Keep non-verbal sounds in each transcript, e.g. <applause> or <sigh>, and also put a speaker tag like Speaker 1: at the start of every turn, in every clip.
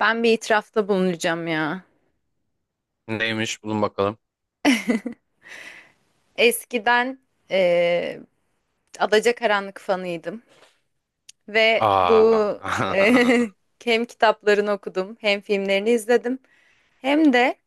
Speaker 1: Ben bir itirafta bulunacağım ya.
Speaker 2: Neymiş? Bulun bakalım.
Speaker 1: <laughs> Eskiden eee Adacakaranlık fanıydım ve bu
Speaker 2: Aa.
Speaker 1: eee, <laughs> hem kitaplarını okudum, hem filmlerini izledim, hem de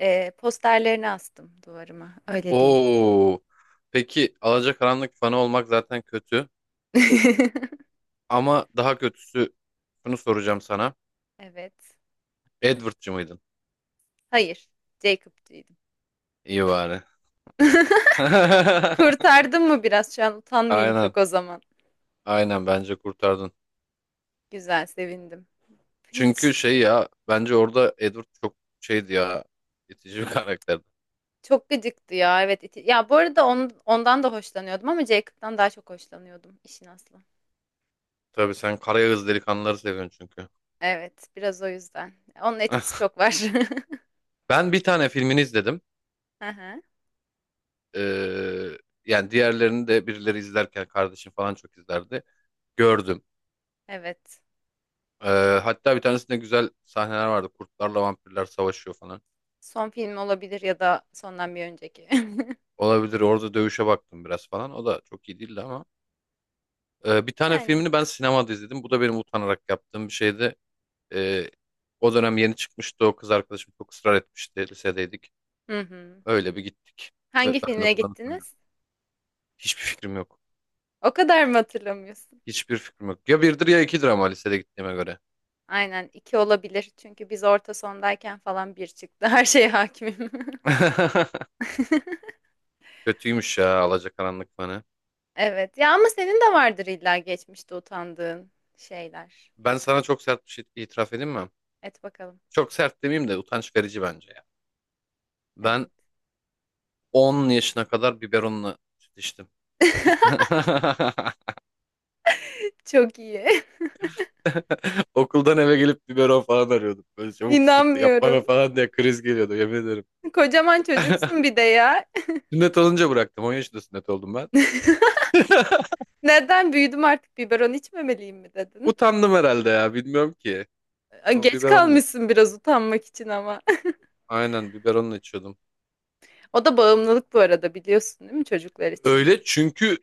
Speaker 1: eee, posterlerini astım duvarıma.
Speaker 2: <laughs>
Speaker 1: Öyle diyeyim.
Speaker 2: Oo. Peki Alacakaranlık fanı olmak zaten kötü.
Speaker 1: <laughs>
Speaker 2: Ama daha kötüsü şunu soracağım sana.
Speaker 1: Evet.
Speaker 2: Edward'cı mıydın?
Speaker 1: Hayır. Jacob'cuydum.
Speaker 2: İyi bari. <laughs>
Speaker 1: Kurtardım mı biraz? Şu an utanmayayım
Speaker 2: Aynen.
Speaker 1: çok o zaman.
Speaker 2: Aynen bence kurtardın.
Speaker 1: Güzel, sevindim.
Speaker 2: Çünkü
Speaker 1: Hiç
Speaker 2: şey ya bence orada Edward çok şeydi ya, itici bir karakterdi.
Speaker 1: çok gıcıktı ya. Evet. Ya bu arada ondan da hoşlanıyordum ama Jacob'tan daha çok hoşlanıyordum işin aslı.
Speaker 2: Tabii sen Karayağız delikanlıları seviyorsun çünkü.
Speaker 1: Evet, biraz o yüzden. Onun etkisi
Speaker 2: <laughs>
Speaker 1: çok var.
Speaker 2: Ben bir tane filmini izledim.
Speaker 1: <laughs> Hı
Speaker 2: Ee, Yani diğerlerini de birileri izlerken, kardeşim falan çok izlerdi. Gördüm.
Speaker 1: Evet.
Speaker 2: Ee, Hatta bir tanesinde güzel sahneler vardı. Kurtlarla vampirler savaşıyor falan.
Speaker 1: Son film olabilir ya da sondan bir önceki. <laughs>
Speaker 2: Olabilir. Orada dövüşe baktım biraz falan. O da çok iyi değildi ama. Bir tane
Speaker 1: Yani.
Speaker 2: filmini ben sinemada izledim. Bu da benim utanarak yaptığım bir şeydi. Ee, O dönem yeni çıkmıştı. O kız arkadaşım çok ısrar etmişti. Lisedeydik.
Speaker 1: Hı hı.
Speaker 2: Öyle bir gittik. Ve
Speaker 1: Hangi
Speaker 2: ben de
Speaker 1: filmine
Speaker 2: bundan
Speaker 1: gittiniz?
Speaker 2: hiçbir fikrim yok.
Speaker 1: O kadar mı hatırlamıyorsun?
Speaker 2: Hiçbir fikrim yok. Ya birdir ya ikidir ama, lisede gittiğime göre.
Speaker 1: Aynen iki olabilir. Çünkü biz orta sondayken falan bir çıktı. <laughs> Her şeye hakimim. <laughs>
Speaker 2: <laughs> Kötüymüş ya Alacakaranlık fanı.
Speaker 1: Evet. Ya ama senin de vardır illa geçmişte utandığın şeyler.
Speaker 2: Ben sana çok sert bir şey itiraf edeyim mi?
Speaker 1: Et bakalım.
Speaker 2: Çok sert demeyeyim de utanç verici bence. Ben
Speaker 1: Evet.
Speaker 2: 10 yaşına kadar biberonla süt içtim.
Speaker 1: <laughs>
Speaker 2: <laughs>
Speaker 1: Çok iyi. <laughs>
Speaker 2: Okuldan eve gelip biberon falan arıyordum. Böyle çabuk süt yap bana
Speaker 1: İnanmıyorum.
Speaker 2: falan diye kriz geliyordu, yemin ederim.
Speaker 1: Kocaman çocuksun
Speaker 2: <laughs>
Speaker 1: bir de ya.
Speaker 2: Sünnet olunca bıraktım. 10 yaşında sünnet oldum ben. <laughs>
Speaker 1: Neden büyüdüm artık biberon içmemeliyim mi dedin?
Speaker 2: Utandım herhalde ya, bilmiyorum ki. O
Speaker 1: Geç
Speaker 2: biberonla,
Speaker 1: kalmışsın biraz utanmak için ama. <laughs>
Speaker 2: aynen biberonla içiyordum.
Speaker 1: O da bağımlılık bu arada biliyorsun değil mi çocuklar için?
Speaker 2: Öyle çünkü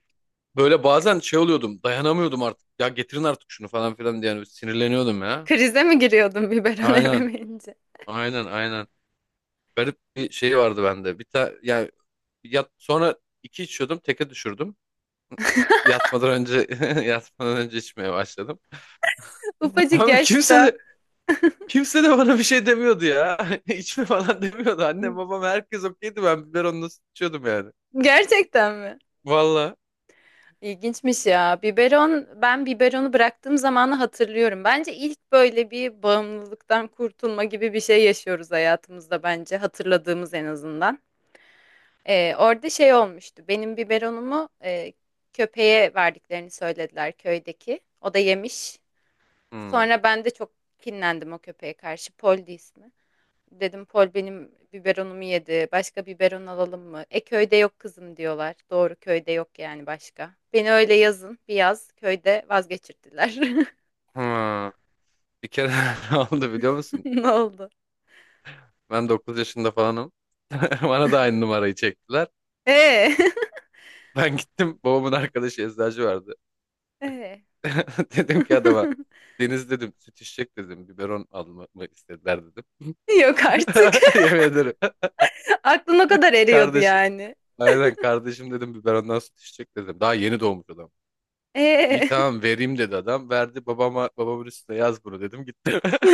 Speaker 2: böyle bazen şey oluyordum, dayanamıyordum artık. Ya getirin artık şunu falan filan diye, yani sinirleniyordum ya.
Speaker 1: Krize mi giriyordun biberon <laughs>
Speaker 2: Aynen,
Speaker 1: ememeyince?
Speaker 2: aynen, aynen. Garip bir şey vardı bende. Bir ta Yani yat, sonra iki içiyordum, teke düşürdüm. Yatmadan önce <laughs> yatmadan önce içmeye başladım.
Speaker 1: Ufacık
Speaker 2: Abi kimse
Speaker 1: yaşta.
Speaker 2: de kimse de bana bir şey demiyordu ya. <laughs> İçme falan demiyordu. Annem babam herkes okeydi. Ben biberonla nasıl içiyordum yani.
Speaker 1: Gerçekten mi?
Speaker 2: Valla.
Speaker 1: İlginçmiş ya. Biberon, ben biberonu bıraktığım zamanı hatırlıyorum. Bence ilk böyle bir bağımlılıktan kurtulma gibi bir şey yaşıyoruz hayatımızda bence. Hatırladığımız en azından. Orada şey olmuştu. Benim biberonumu köpeğe verdiklerini söylediler köydeki. O da yemiş.
Speaker 2: Hmm.
Speaker 1: Sonra ben de çok kinlendim o köpeğe karşı. Poldi ismi. Dedim Pol benim biberonumu yedi. Başka biberon alalım mı? E köyde yok kızım diyorlar. Doğru köyde yok yani başka. Beni öyle yazın bir yaz köyde vazgeçirdiler. <laughs>
Speaker 2: Hmm. Bir kere <laughs> ne oldu biliyor musun?
Speaker 1: Ne oldu?
Speaker 2: Ben 9 yaşında falanım. <laughs> Bana da aynı numarayı çektiler.
Speaker 1: Ee,
Speaker 2: Ben gittim, babamın arkadaşı eczacı vardı.
Speaker 1: <laughs> ee.
Speaker 2: <laughs> Dedim ki adama,
Speaker 1: <laughs>
Speaker 2: Deniz dedim süt içecek dedim, biberon almamı istediler dedim.
Speaker 1: Yok
Speaker 2: <laughs>
Speaker 1: artık.
Speaker 2: Yemin ederim.
Speaker 1: <laughs> Aklın o kadar eriyordu
Speaker 2: Kardeşim.
Speaker 1: yani.
Speaker 2: Aynen kardeşim dedim biberondan süt içecek dedim. Daha yeni doğmuş adam. İyi
Speaker 1: Ee.
Speaker 2: tamam vereyim dedi adam. Verdi, babama, babamın üstüne yaz bunu dedim, gitti. <laughs>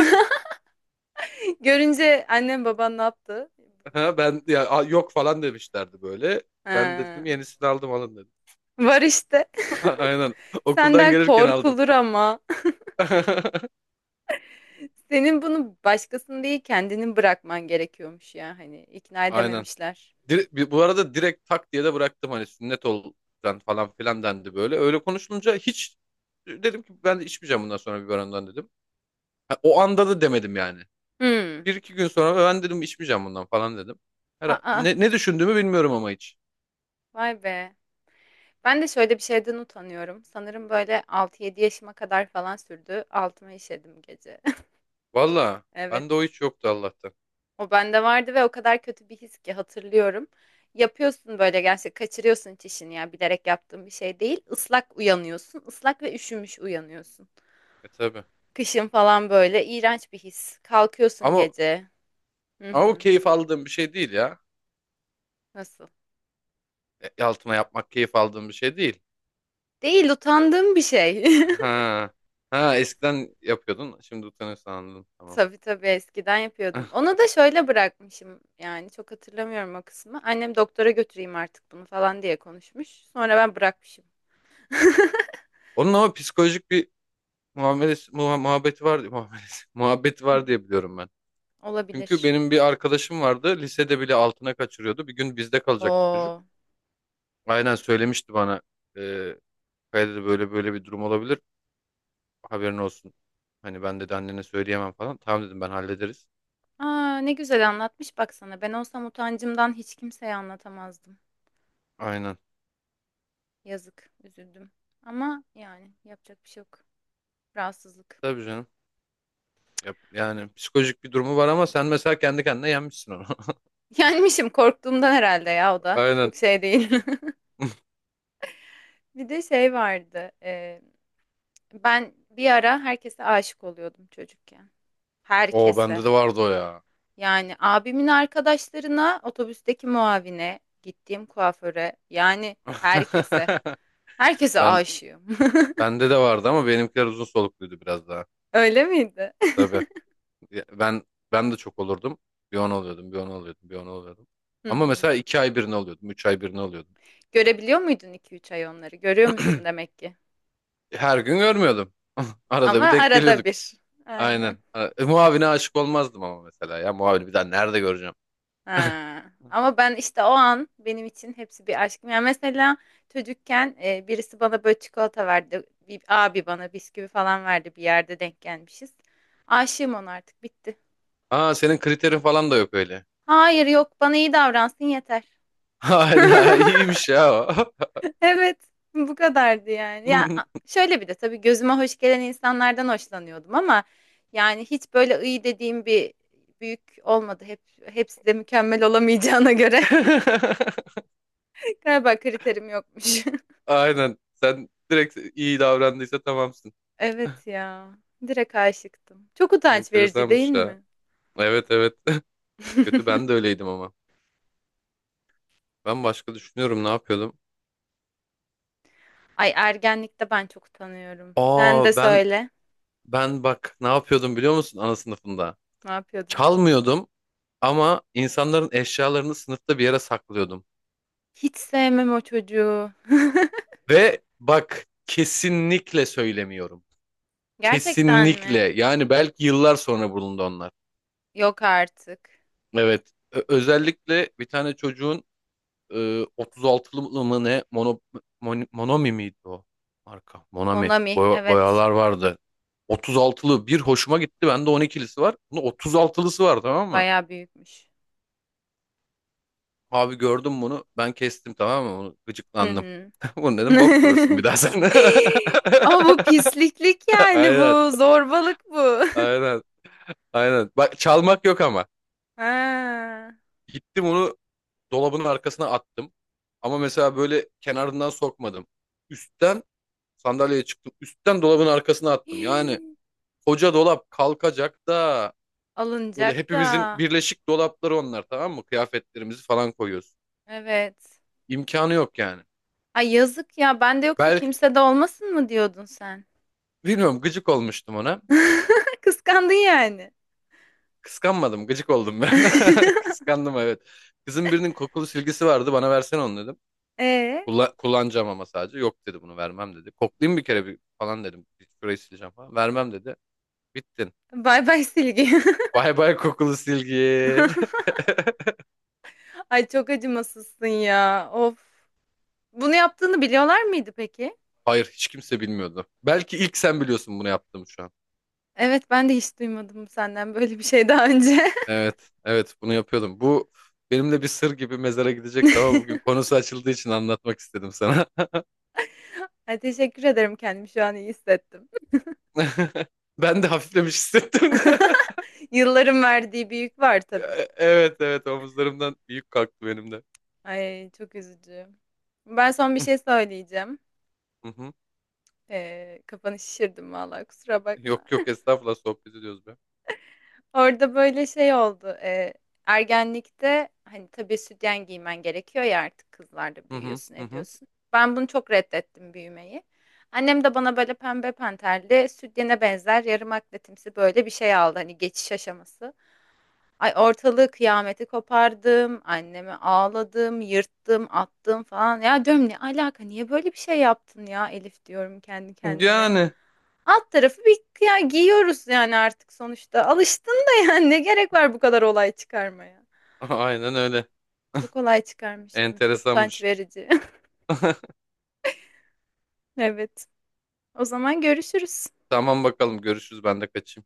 Speaker 1: Görünce annem baban ne yaptı?
Speaker 2: Ha, ben ya "Aa, yok" falan demişlerdi böyle. Ben de
Speaker 1: Ha,
Speaker 2: dedim yenisini aldım, alın dedim.
Speaker 1: var işte.
Speaker 2: <laughs> Aynen.
Speaker 1: <laughs>
Speaker 2: Okuldan
Speaker 1: Senden
Speaker 2: gelirken aldım.
Speaker 1: korkulur ama.
Speaker 2: <laughs>
Speaker 1: Senin bunu başkasını değil kendini bırakman gerekiyormuş ya hani ikna
Speaker 2: Aynen.
Speaker 1: edememişler.
Speaker 2: Bu arada direkt tak diye de bıraktım. Hani sünnet ol lan falan filan dendi böyle. Öyle konuşulunca hiç, dedim ki ben de içmeyeceğim bundan sonra biberondan dedim. Ha, o anda da demedim yani.
Speaker 1: Hmm.
Speaker 2: Bir iki gün sonra ben dedim içmeyeceğim bundan falan dedim.
Speaker 1: Aa,
Speaker 2: Ne düşündüğümü bilmiyorum ama hiç.
Speaker 1: vay be. Ben de şöyle bir şeyden utanıyorum. Sanırım böyle altı yedi yaşıma kadar falan sürdü. Altıma işedim gece. <laughs>
Speaker 2: Valla,
Speaker 1: Evet.
Speaker 2: bende o hiç yoktu Allah'tan.
Speaker 1: O bende vardı ve o kadar kötü bir his ki hatırlıyorum. Yapıyorsun böyle gerçekten kaçırıyorsun çişini ya bilerek yaptığın bir şey değil. Islak uyanıyorsun. Islak ve üşümüş uyanıyorsun.
Speaker 2: E tabii.
Speaker 1: Kışın falan böyle iğrenç bir his. Kalkıyorsun
Speaker 2: Ama,
Speaker 1: gece. Hı
Speaker 2: ama o
Speaker 1: hı.
Speaker 2: keyif aldığım bir şey değil ya.
Speaker 1: Nasıl?
Speaker 2: Altına yapmak keyif aldığım bir şey değil.
Speaker 1: Değil utandığım bir şey. <laughs>
Speaker 2: Ha. Ha, eskiden yapıyordun. Şimdi utanıyorsun, anladım. Tamam.
Speaker 1: Tabii tabii eskiden yapıyordum.
Speaker 2: <laughs>
Speaker 1: Onu da şöyle bırakmışım yani çok hatırlamıyorum o kısmı. Annem doktora götüreyim artık bunu falan diye konuşmuş. Sonra ben bırakmışım. <laughs>
Speaker 2: Onun ama psikolojik bir muamelesi, muhabbeti var diye muamelesi, <laughs> muhabbeti var diye biliyorum ben. Çünkü
Speaker 1: Olabilir.
Speaker 2: benim bir arkadaşım vardı. Lisede bile altına kaçırıyordu. Bir gün bizde kalacaktı
Speaker 1: Oo.
Speaker 2: çocuk. Aynen söylemişti bana. E, Kaya dedi böyle böyle bir durum olabilir. Haberin olsun. Hani ben dedi, annene söyleyemem falan. Tamam dedim ben, hallederiz.
Speaker 1: Aa, ne güzel anlatmış baksana. Ben olsam utancımdan hiç kimseye anlatamazdım.
Speaker 2: Aynen.
Speaker 1: Yazık, üzüldüm. Ama yani yapacak bir şey yok. Rahatsızlık.
Speaker 2: Tabii canım. Yani psikolojik bir durumu var ama sen mesela kendi kendine yenmişsin onu.
Speaker 1: <laughs> Yenmişim korktuğumdan herhalde ya o
Speaker 2: <laughs>
Speaker 1: da.
Speaker 2: Aynen.
Speaker 1: Çok şey değil. <laughs> Bir de şey vardı. Ben bir ara herkese aşık oluyordum çocukken.
Speaker 2: O bende
Speaker 1: Herkese.
Speaker 2: de vardı o ya.
Speaker 1: Yani abimin arkadaşlarına, otobüsteki muavine, gittiğim kuaföre, yani herkese.
Speaker 2: <laughs>
Speaker 1: Herkese
Speaker 2: Ben
Speaker 1: aşığım.
Speaker 2: Bende de vardı ama benimkiler uzun solukluydu biraz daha.
Speaker 1: <laughs> Öyle miydi?
Speaker 2: Tabii. Ya, ben de çok olurdum. Bir on oluyordum, bir on oluyordum, bir on oluyordum.
Speaker 1: <laughs> Hı
Speaker 2: Ama
Speaker 1: hı.
Speaker 2: mesela iki ay birini oluyordum, üç ay birini oluyordum.
Speaker 1: Görebiliyor muydun iki üç ay onları? Görüyor musun
Speaker 2: <clears throat>
Speaker 1: demek ki?
Speaker 2: Her gün görmüyordum. <laughs> Arada
Speaker 1: Ama
Speaker 2: bir denk
Speaker 1: arada
Speaker 2: geliyorduk.
Speaker 1: bir. Aynen.
Speaker 2: Aynen. Muavine aşık olmazdım ama, mesela ya, muavini bir daha nerede göreceğim? <laughs>
Speaker 1: Ha. Ama ben işte o an benim için hepsi bir aşk. Yani mesela çocukken birisi bana böyle çikolata verdi. Bir abi bana bisküvi falan verdi bir yerde denk gelmişiz. Aşığım ona artık bitti.
Speaker 2: Aa, senin kriterin falan da yok öyle.
Speaker 1: Hayır yok bana iyi davransın yeter.
Speaker 2: <laughs> Hayda,
Speaker 1: <laughs>
Speaker 2: iyiymiş ya o.
Speaker 1: Evet, bu kadardı yani. Ya
Speaker 2: <laughs>
Speaker 1: şöyle bir de tabii gözüme hoş gelen insanlardan hoşlanıyordum ama yani hiç böyle iyi dediğim bir büyük olmadı. Hepsi de mükemmel olamayacağına göre <laughs> galiba kriterim yokmuş. <laughs>
Speaker 2: Aynen. Sen direkt iyi davrandıysa tamamsın.
Speaker 1: Evet ya. Direkt aşıktım. Çok utanç verici değil
Speaker 2: Enteresanmış ya.
Speaker 1: mi?
Speaker 2: Evet, evet. <laughs> Kötü,
Speaker 1: <laughs>
Speaker 2: ben de öyleydim ama. Ben başka düşünüyorum, ne yapıyordum?
Speaker 1: Ay ergenlikte ben çok utanıyorum. Sen de
Speaker 2: Aa,
Speaker 1: söyle.
Speaker 2: ben bak ne yapıyordum biliyor musun ana sınıfında?
Speaker 1: Ne yapıyordun?
Speaker 2: Çalmıyordum ama insanların eşyalarını sınıfta bir yere saklıyordum.
Speaker 1: Hiç sevmem o çocuğu. <laughs>
Speaker 2: Ve bak, kesinlikle söylemiyorum.
Speaker 1: Gerçekten
Speaker 2: Kesinlikle.
Speaker 1: mi?
Speaker 2: Yani belki yıllar sonra bulundu onlar.
Speaker 1: Yok artık.
Speaker 2: Evet. Özellikle bir tane çocuğun e, 36'lı mı ne, mono, Monomi miydi o marka? Monami.
Speaker 1: Monami, evet.
Speaker 2: Boyalar vardı. 36'lı bir hoşuma gitti. Bende 12'lisi var. Bunda 36'lısı var, tamam mı?
Speaker 1: Bayağı büyükmüş.
Speaker 2: Abi gördüm bunu. Ben kestim, tamam mı? Onu
Speaker 1: Hı
Speaker 2: gıcıklandım.
Speaker 1: hı.
Speaker 2: <laughs> Bunu dedim, bok bulursun bir
Speaker 1: <laughs>
Speaker 2: daha sen.
Speaker 1: Ama bu pisliklik
Speaker 2: <laughs>
Speaker 1: yani
Speaker 2: Aynen.
Speaker 1: bu. Zorbalık bu. <laughs>
Speaker 2: Aynen. Aynen. Bak, çalmak yok ama.
Speaker 1: Ha.
Speaker 2: Gittim onu dolabın arkasına attım. Ama mesela böyle kenarından sokmadım. Üstten sandalyeye çıktım. Üstten dolabın arkasına attım. Yani
Speaker 1: <gasps>
Speaker 2: koca dolap kalkacak da, böyle
Speaker 1: Alınacak da.
Speaker 2: hepimizin birleşik dolapları onlar, tamam mı? Kıyafetlerimizi falan koyuyoruz.
Speaker 1: Evet.
Speaker 2: İmkanı yok yani.
Speaker 1: Ay yazık ya. Ben de yoksa
Speaker 2: Belki,
Speaker 1: kimse de olmasın mı diyordun sen?
Speaker 2: bilmiyorum, gıcık olmuştum ona.
Speaker 1: <laughs> Kıskandın yani.
Speaker 2: Kıskanmadım, gıcık oldum ben. <laughs>
Speaker 1: <laughs>
Speaker 2: Kıskandım, evet. Kızın birinin kokulu silgisi vardı, bana versene onu dedim.
Speaker 1: Ee,
Speaker 2: Kullanacağım ama sadece. Yok dedi, bunu vermem dedi. Koklayayım bir kere bir falan dedim. Bir şurayı sileceğim falan. Vermem dedi. Bittin.
Speaker 1: bay bay Silgi.
Speaker 2: Bay bay kokulu silgi.
Speaker 1: <laughs>
Speaker 2: <laughs>
Speaker 1: Ay çok acımasızsın ya. Of. Bunu yaptığını biliyorlar mıydı peki?
Speaker 2: Hayır, hiç kimse bilmiyordu. Belki ilk sen biliyorsun bunu yaptığımı şu an.
Speaker 1: Evet ben de hiç duymadım senden böyle bir şey daha önce.
Speaker 2: Evet, evet bunu yapıyordum. Bu benimle bir sır gibi mezara gidecekti ama bugün
Speaker 1: <laughs>
Speaker 2: konusu açıldığı için anlatmak istedim sana.
Speaker 1: Ay, teşekkür ederim kendimi şu an iyi hissettim.
Speaker 2: <laughs> Ben de hafiflemiş hissettim. <laughs>
Speaker 1: <laughs> Yılların verdiği bir yük var tabii.
Speaker 2: Evet, evet, omuzlarımdan büyük kalktı benim de.
Speaker 1: Ay çok üzücü. Ben son bir şey
Speaker 2: <laughs>
Speaker 1: söyleyeceğim.
Speaker 2: Hı hı.
Speaker 1: Kafanı şişirdim vallahi kusura bakma.
Speaker 2: Yok, yok,
Speaker 1: <laughs>
Speaker 2: estağfurullah, sohbet ediyoruz be.
Speaker 1: Orada böyle şey oldu. Ergenlikte hani tabii sütyen giymen gerekiyor ya artık kızlarda
Speaker 2: Hı hı
Speaker 1: büyüyorsun
Speaker 2: hı hı.
Speaker 1: ediyorsun. Ben bunu çok reddettim büyümeyi. Annem de bana böyle pembe panterli sütyene benzer yarım akletimsi böyle bir şey aldı hani geçiş aşaması. Ay ortalığı kıyameti kopardım, anneme ağladım, yırttım, attım falan. Ya diyorum ne alaka niye böyle bir şey yaptın ya Elif diyorum kendi kendime.
Speaker 2: Yani
Speaker 1: Alt tarafı bir ya giyiyoruz yani artık sonuçta. Alıştın da yani ne gerek var bu kadar olay çıkarmaya.
Speaker 2: <laughs> aynen öyle.
Speaker 1: Çok olay çıkarmıştım. Çok utanç
Speaker 2: Enteresanmış.
Speaker 1: verici. <laughs>
Speaker 2: <laughs>
Speaker 1: Evet. O zaman görüşürüz.
Speaker 2: Tamam bakalım, görüşürüz, ben de kaçayım.